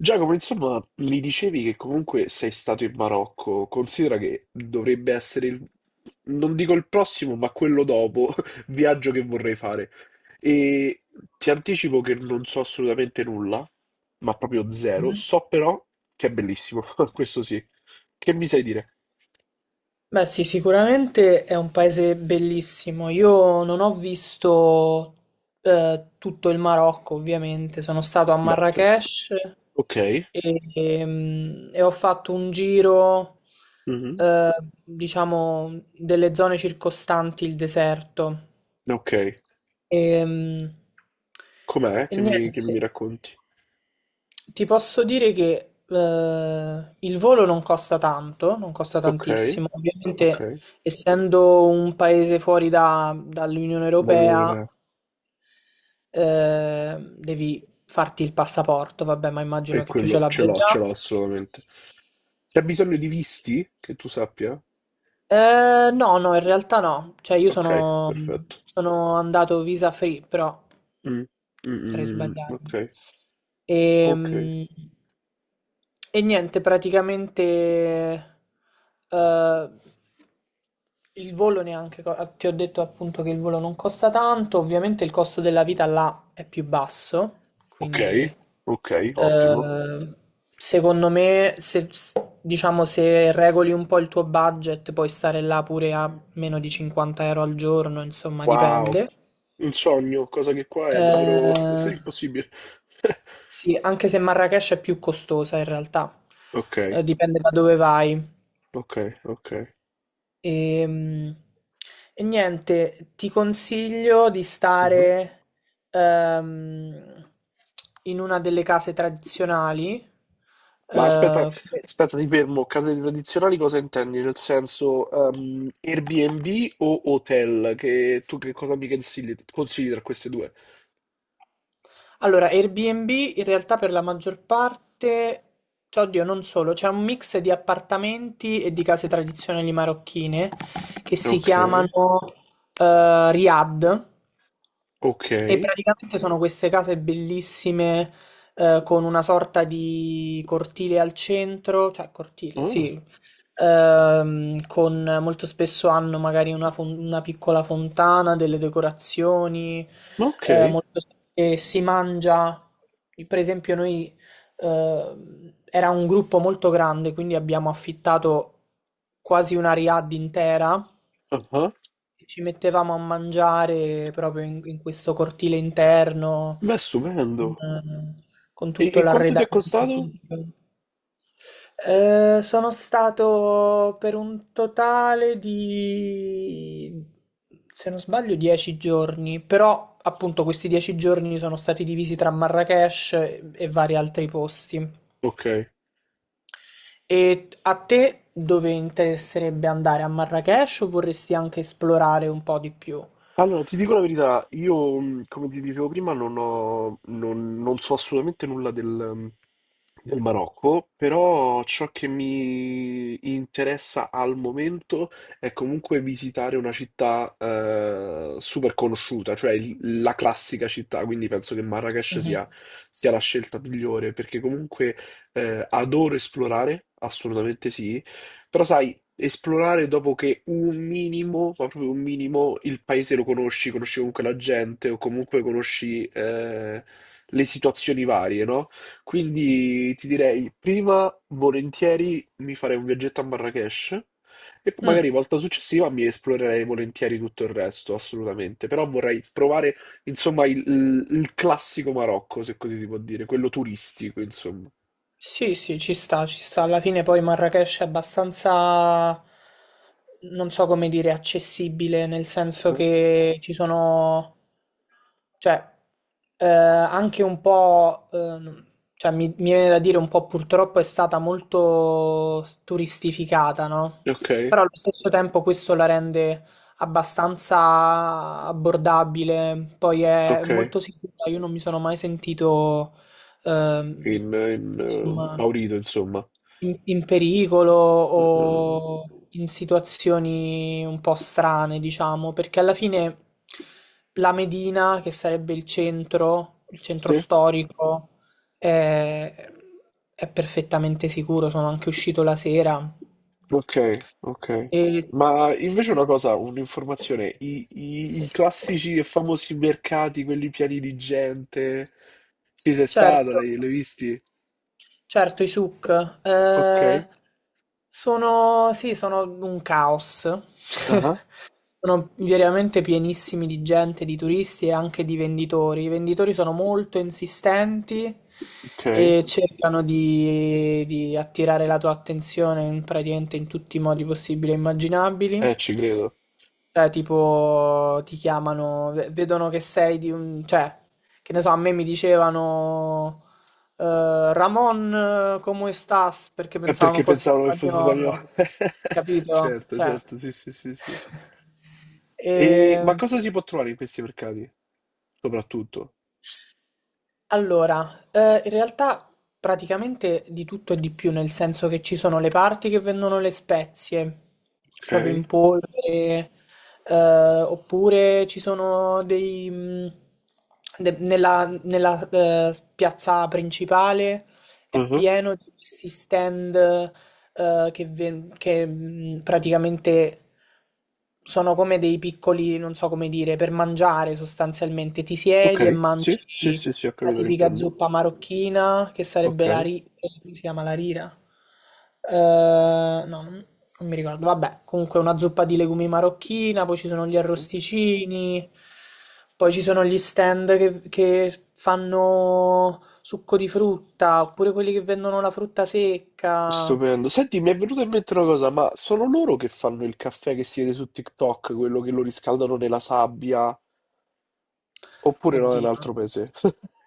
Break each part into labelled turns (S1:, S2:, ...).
S1: Giacomo, insomma, mi dicevi che comunque sei stato in Marocco, considera che dovrebbe essere il, non dico il prossimo, ma quello dopo, viaggio che vorrei fare. E ti anticipo che non so assolutamente nulla, ma proprio zero. So però che è bellissimo, questo sì. Che mi sai dire?
S2: Beh, sì, sicuramente è un paese bellissimo. Io non ho visto tutto il Marocco, ovviamente. Sono stato a
S1: Beh, certo.
S2: Marrakech
S1: Ok,
S2: e ho fatto un giro,
S1: mhm,
S2: eh, diciamo, delle zone circostanti il deserto.
S1: ok.
S2: Ehm,
S1: Com'è
S2: E,
S1: che mi, che
S2: niente.
S1: mi racconti?
S2: Ti posso dire che il volo non costa tanto, non costa
S1: Ok,
S2: tantissimo.
S1: ok.
S2: Ovviamente, essendo un paese fuori dall'Unione
S1: L'Unione
S2: Europea,
S1: Europea.
S2: devi farti il passaporto, vabbè, ma immagino
S1: E
S2: che tu ce
S1: quello
S2: l'abbia
S1: ce
S2: già.
S1: l'ho assolutamente. C'è bisogno di visti? Che tu sappia?
S2: No, no, in realtà no. Cioè, io
S1: Ok,
S2: sono,
S1: perfetto.
S2: sono andato visa free, però
S1: Mm, mm,
S2: potrei
S1: mm. Ok,
S2: sbagliarmi.
S1: ok.
S2: Ehm, E, niente, praticamente eh, il volo neanche, ti ho detto appunto che il volo non costa tanto, ovviamente il costo della vita là è più basso,
S1: Ok,
S2: quindi
S1: ok, ottimo.
S2: eh, secondo me se, s- diciamo, se regoli un po' il tuo budget puoi stare là pure a meno di 50 euro al giorno, insomma
S1: Wow,
S2: dipende.
S1: un sogno, cosa che qua è davvero
S2: Eh,
S1: impossibile.
S2: sì, anche se Marrakech è più costosa in realtà.
S1: Ok,
S2: Dipende da dove vai.
S1: ok, ok.
S2: Ehm, E, niente, ti consiglio di
S1: Mhm.
S2: stare ehm, in una delle case tradizionali.
S1: Ma aspetta,
S2: Eh,
S1: aspetta, ti fermo. Case tradizionali cosa intendi? Nel senso, Airbnb o hotel? Che tu che cosa mi consigli, tra queste due?
S2: allora, Airbnb in realtà per la maggior parte, cioè, oddio, non solo, c'è un mix di appartamenti e di case tradizionali marocchine che si
S1: Ok,
S2: chiamano Riad. E
S1: ok.
S2: praticamente sono queste case bellissime, con una sorta di cortile al centro, cioè cortile,
S1: Oh,
S2: sì, con molto spesso hanno magari una piccola fontana, delle decorazioni,
S1: ok,
S2: e si mangia. Per esempio, noi era un gruppo molto grande, quindi abbiamo affittato quasi una riad intera.
S1: ah ah.
S2: Ci mettevamo a mangiare proprio in questo cortile interno,
S1: Beh, stupendo.
S2: eh, con
S1: E,
S2: tutto
S1: e quanto ti è
S2: l'arredamento.
S1: costato?
S2: Sono stato per un totale di, se non sbaglio, 10 giorni, però appunto questi 10 giorni sono stati divisi tra Marrakech e vari altri posti.
S1: Ok.
S2: E a te dove interesserebbe andare? A Marrakech o vorresti anche esplorare un po' di più?
S1: Allora, ti dico la verità, io, come ti dicevo prima, non ho, non, non so assolutamente nulla del Marocco, però ciò che mi interessa al momento è comunque visitare una città super conosciuta, cioè la classica città, quindi penso che Marrakech
S2: Mhm.
S1: sia la scelta migliore, perché comunque adoro esplorare, assolutamente sì, però sai, esplorare dopo che un minimo, ma proprio un minimo, il paese lo conosci comunque la gente o comunque conosci le situazioni varie, no? Quindi ti direi, prima volentieri mi farei un viaggetto a Marrakesh e poi
S2: Mm.
S1: magari volta successiva mi esplorerei volentieri tutto il resto, assolutamente. Però vorrei provare, insomma, il classico Marocco, se così si può dire, quello turistico, insomma.
S2: Sì, sì, ci sta, ci sta. Alla fine poi Marrakech è abbastanza, non so come dire, accessibile, nel senso
S1: Mhm.
S2: che ci sono, cioè, anche un po', cioè mi viene da dire un po' purtroppo è stata molto turistificata, no?
S1: Ok,
S2: Però allo stesso tempo questo la rende abbastanza abbordabile, poi è
S1: ok,
S2: molto sicura, io non mi sono mai sentito, ehm,
S1: in
S2: insomma
S1: Maurito, insomma.
S2: in pericolo
S1: Mm, mm.
S2: o in situazioni un po' strane, diciamo, perché alla fine la Medina, che sarebbe il centro
S1: Sì?
S2: storico, è, è perfettamente sicuro. Sono anche uscito la sera.
S1: Ok, ok.
S2: E,
S1: Ma invece
S2: sì,
S1: una cosa, un'informazione, i classici e famosi mercati, quelli pieni di gente, ci sei stato,
S2: certo,
S1: l'hai visti?
S2: certo, i souk
S1: Ok,
S2: sono, sì, sono un caos.
S1: ah,
S2: Sono veramente pienissimi di gente, di turisti e anche di venditori. I venditori sono molto insistenti
S1: ok,
S2: e cercano di attirare la tua attenzione praticamente in tutti i modi possibili e immaginabili.
S1: ci credo.
S2: Cioè, tipo, ti chiamano, vedono che sei di un. Cioè, che ne so, a me mi dicevano Ramon, come estás? Perché
S1: È
S2: pensavano
S1: perché
S2: fossi
S1: pensavano che fosse spagnolo.
S2: spagnolo, capito?
S1: Certo,
S2: Cioè.
S1: certo, sì, sì, sì, sì.
S2: E,
S1: E, ma cosa si può trovare in questi mercati, soprattutto?
S2: allora, in realtà praticamente di tutto e di più, nel senso che ci sono le parti che vendono le spezie,
S1: Ok,
S2: proprio in polvere, oppure ci sono dei... de- nella nella, piazza principale è
S1: ah,
S2: pieno di questi stand che, praticamente sono come dei piccoli, non so come dire, per mangiare sostanzialmente. Ti siedi e
S1: ok, sì, sì,
S2: mangi
S1: sì, sì, ho
S2: la
S1: capito che
S2: tipica
S1: intendi.
S2: zuppa marocchina che
S1: Ok.
S2: sarebbe come si chiama la rira? Eh, no, non mi ricordo. Vabbè, comunque una zuppa di legumi marocchina, poi ci sono gli arrosticini, poi ci sono gli stand che fanno succo di frutta, oppure quelli che vendono la frutta secca.
S1: Stupendo. Senti, mi è venuta in mente una cosa, ma sono loro che fanno il caffè che si vede su TikTok, quello che lo riscaldano nella sabbia, oppure no, è un
S2: Oddio,
S1: altro paese?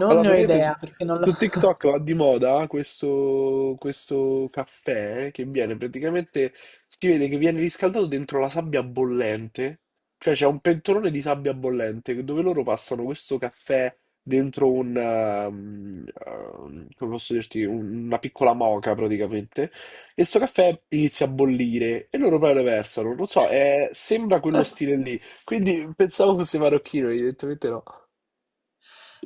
S2: non
S1: Allora,
S2: ne ho
S1: praticamente su,
S2: idea perché non l'ho.
S1: su TikTok va di moda questo caffè che viene praticamente, si vede che viene riscaldato dentro la sabbia bollente, cioè c'è un pentolone di sabbia bollente dove loro passano questo caffè dentro come posso dirti, una piccola moca praticamente, e sto caffè inizia a bollire e loro poi lo versano, non so, sembra quello stile lì, quindi pensavo fosse marocchino, evidentemente no,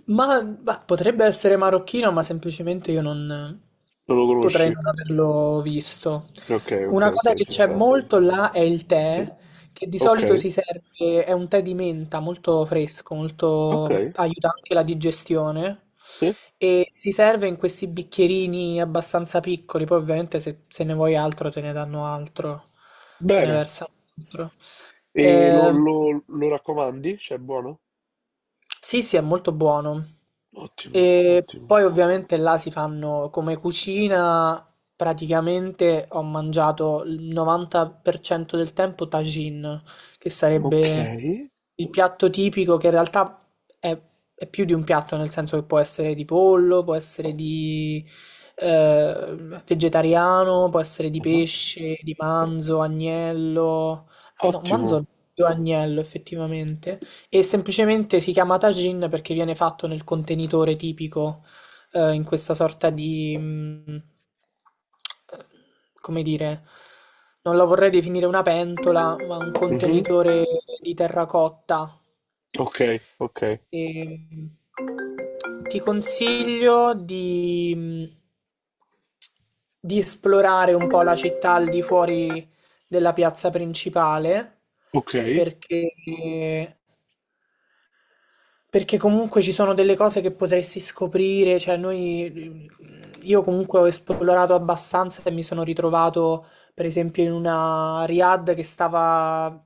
S2: Ma bah, potrebbe essere marocchino, ma semplicemente io non
S1: non lo
S2: potrei
S1: conosci.
S2: non averlo visto.
S1: Ok, ok,
S2: Una cosa
S1: ok,
S2: che
S1: ci
S2: c'è
S1: sta.
S2: molto là è il
S1: Sì.
S2: tè, che di solito
S1: Ok,
S2: si serve, è un tè di menta molto fresco,
S1: ok,
S2: molto, aiuta anche la digestione.
S1: sì.
S2: E si serve in questi bicchierini abbastanza piccoli, poi ovviamente se ne vuoi altro te ne danno altro, te ne
S1: Bene.
S2: versano altro.
S1: E lo,
S2: Ehm,
S1: lo- lo raccomandi? Cioè, è buono?
S2: sì, sì, è molto buono.
S1: Ottimo,
S2: E
S1: ottimo.
S2: poi ovviamente là si fanno come cucina, praticamente ho mangiato il 90% del tempo tagine, che
S1: Ok.
S2: sarebbe il piatto tipico che in realtà è, è più di un piatto, nel senso che può essere di pollo, può essere di eh, vegetariano, può essere di
S1: Ah.
S2: pesce, di manzo, agnello. No,
S1: Ottimo.
S2: manzo è più agnello effettivamente e semplicemente si chiama tagine perché viene fatto nel contenitore tipico, in questa sorta di, eh, come dire, non la vorrei definire una pentola, ma un
S1: Mhm.
S2: contenitore di terracotta.
S1: Ok, ok,
S2: E, ti consiglio di esplorare un po' la città al di fuori della piazza principale
S1: ok.
S2: perché perché comunque ci sono delle cose che potresti scoprire, cioè io comunque ho esplorato abbastanza e mi sono ritrovato per esempio in una Riad che stava,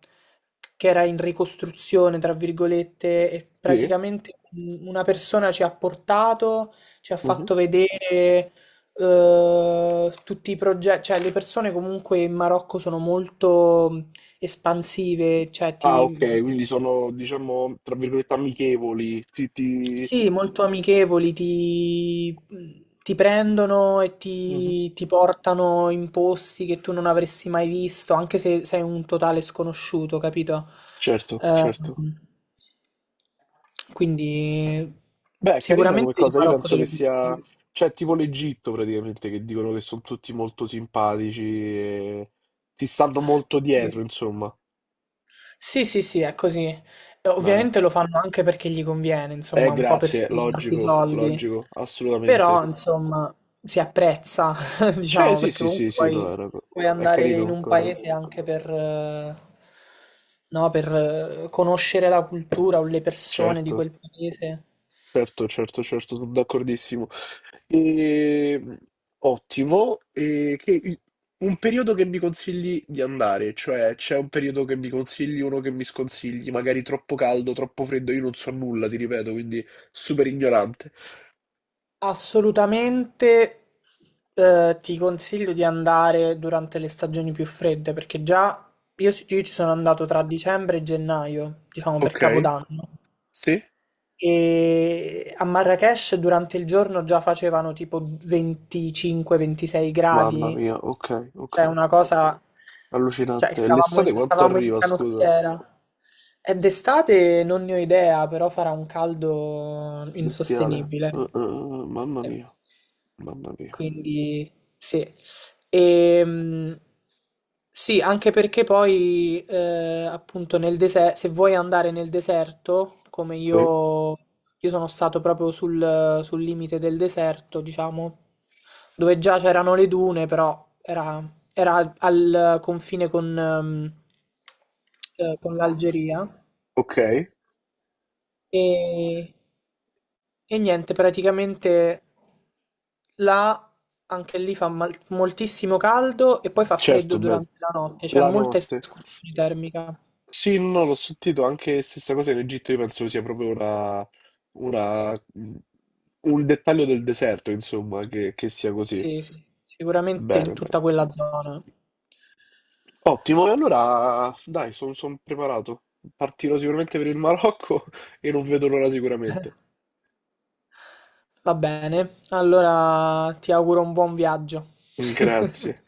S2: che era in ricostruzione, tra virgolette, e
S1: Sì.
S2: praticamente una persona ci ha portato, ci ha
S1: Mhm.
S2: fatto vedere tutti i progetti, cioè le persone comunque in Marocco sono molto espansive, cioè
S1: Ah, ok, quindi sono, diciamo, tra virgolette, amichevoli. Ti.
S2: sì, molto amichevoli, ti prendono e
S1: Mhm.
S2: ti portano in posti che tu non avresti mai visto, anche se sei un totale sconosciuto, capito?
S1: Certo,
S2: Ehm,
S1: certo.
S2: quindi
S1: Beh, è carina come
S2: sicuramente il
S1: cosa, io
S2: Marocco
S1: penso
S2: te
S1: che
S2: lo
S1: sia,
S2: consiglio.
S1: cioè tipo l'Egitto praticamente, che dicono che sono tutti molto simpatici e ti stanno molto dietro,
S2: Sì.
S1: insomma.
S2: Sì, sì, sì, è così.
S1: Bene.
S2: Ovviamente lo fanno anche perché gli conviene, insomma, un po' per
S1: Grazie,
S2: spiegarti i
S1: logico,
S2: soldi.
S1: logico,
S2: Però,
S1: assolutamente.
S2: insomma, si apprezza,
S1: Cioè,
S2: diciamo,
S1: sì,
S2: perché
S1: sì, sì,
S2: comunque
S1: sì, no,
S2: puoi, puoi
S1: è
S2: andare in
S1: carino
S2: un
S1: qualcosa,
S2: paese anche no, per conoscere la cultura o le persone di
S1: certo.
S2: quel paese.
S1: Certo, certo, certo, sono d'accordissimo. E. Ottimo. Un periodo che mi consigli di andare, cioè c'è un periodo che mi consigli, uno che mi sconsigli, magari troppo caldo, troppo freddo, io non so nulla, ti ripeto, quindi super ignorante.
S2: Assolutamente, ti consiglio di andare durante le stagioni più fredde, perché già io ci sono andato tra dicembre e gennaio, diciamo per
S1: Ok,
S2: Capodanno.
S1: sì?
S2: E a Marrakech durante il giorno già facevano tipo 25-26
S1: Mamma
S2: gradi,
S1: mia, ok, ok.
S2: cioè una cosa, cioè
S1: Allucinante. E
S2: stavamo
S1: l'estate
S2: in,
S1: quanto
S2: stavamo in
S1: arriva, scusa?
S2: canottiera. E d'estate non ne ho idea, però farà un caldo
S1: Bestiale.
S2: insostenibile.
S1: Mamma
S2: Eh,
S1: mia, mamma mia.
S2: Quindi sì. E, sì, anche perché poi appunto nel deserto, se vuoi andare nel deserto, come
S1: Sì,
S2: io sono stato proprio sul limite del deserto, diciamo, dove già c'erano le dune, però era al confine con l'Algeria.
S1: ok,
S2: E, e niente, praticamente là anche lì fa moltissimo caldo e poi fa
S1: certo,
S2: freddo
S1: beh,
S2: durante la notte, c'è
S1: la
S2: molta
S1: notte.
S2: escursione termica.
S1: Sì, no, l'ho sentito anche stessa cosa in Egitto, io penso sia proprio una- mm, un dettaglio del deserto, insomma, che sia così.
S2: Sì, sì, sicuramente
S1: Bene,
S2: in
S1: bene.
S2: tutta quella zona.
S1: Ottimo, e allora dai, sono preparato. Partirò sicuramente per il Marocco e non vedo l'ora sicuramente.
S2: Va bene, allora ti auguro un buon viaggio.
S1: Grazie.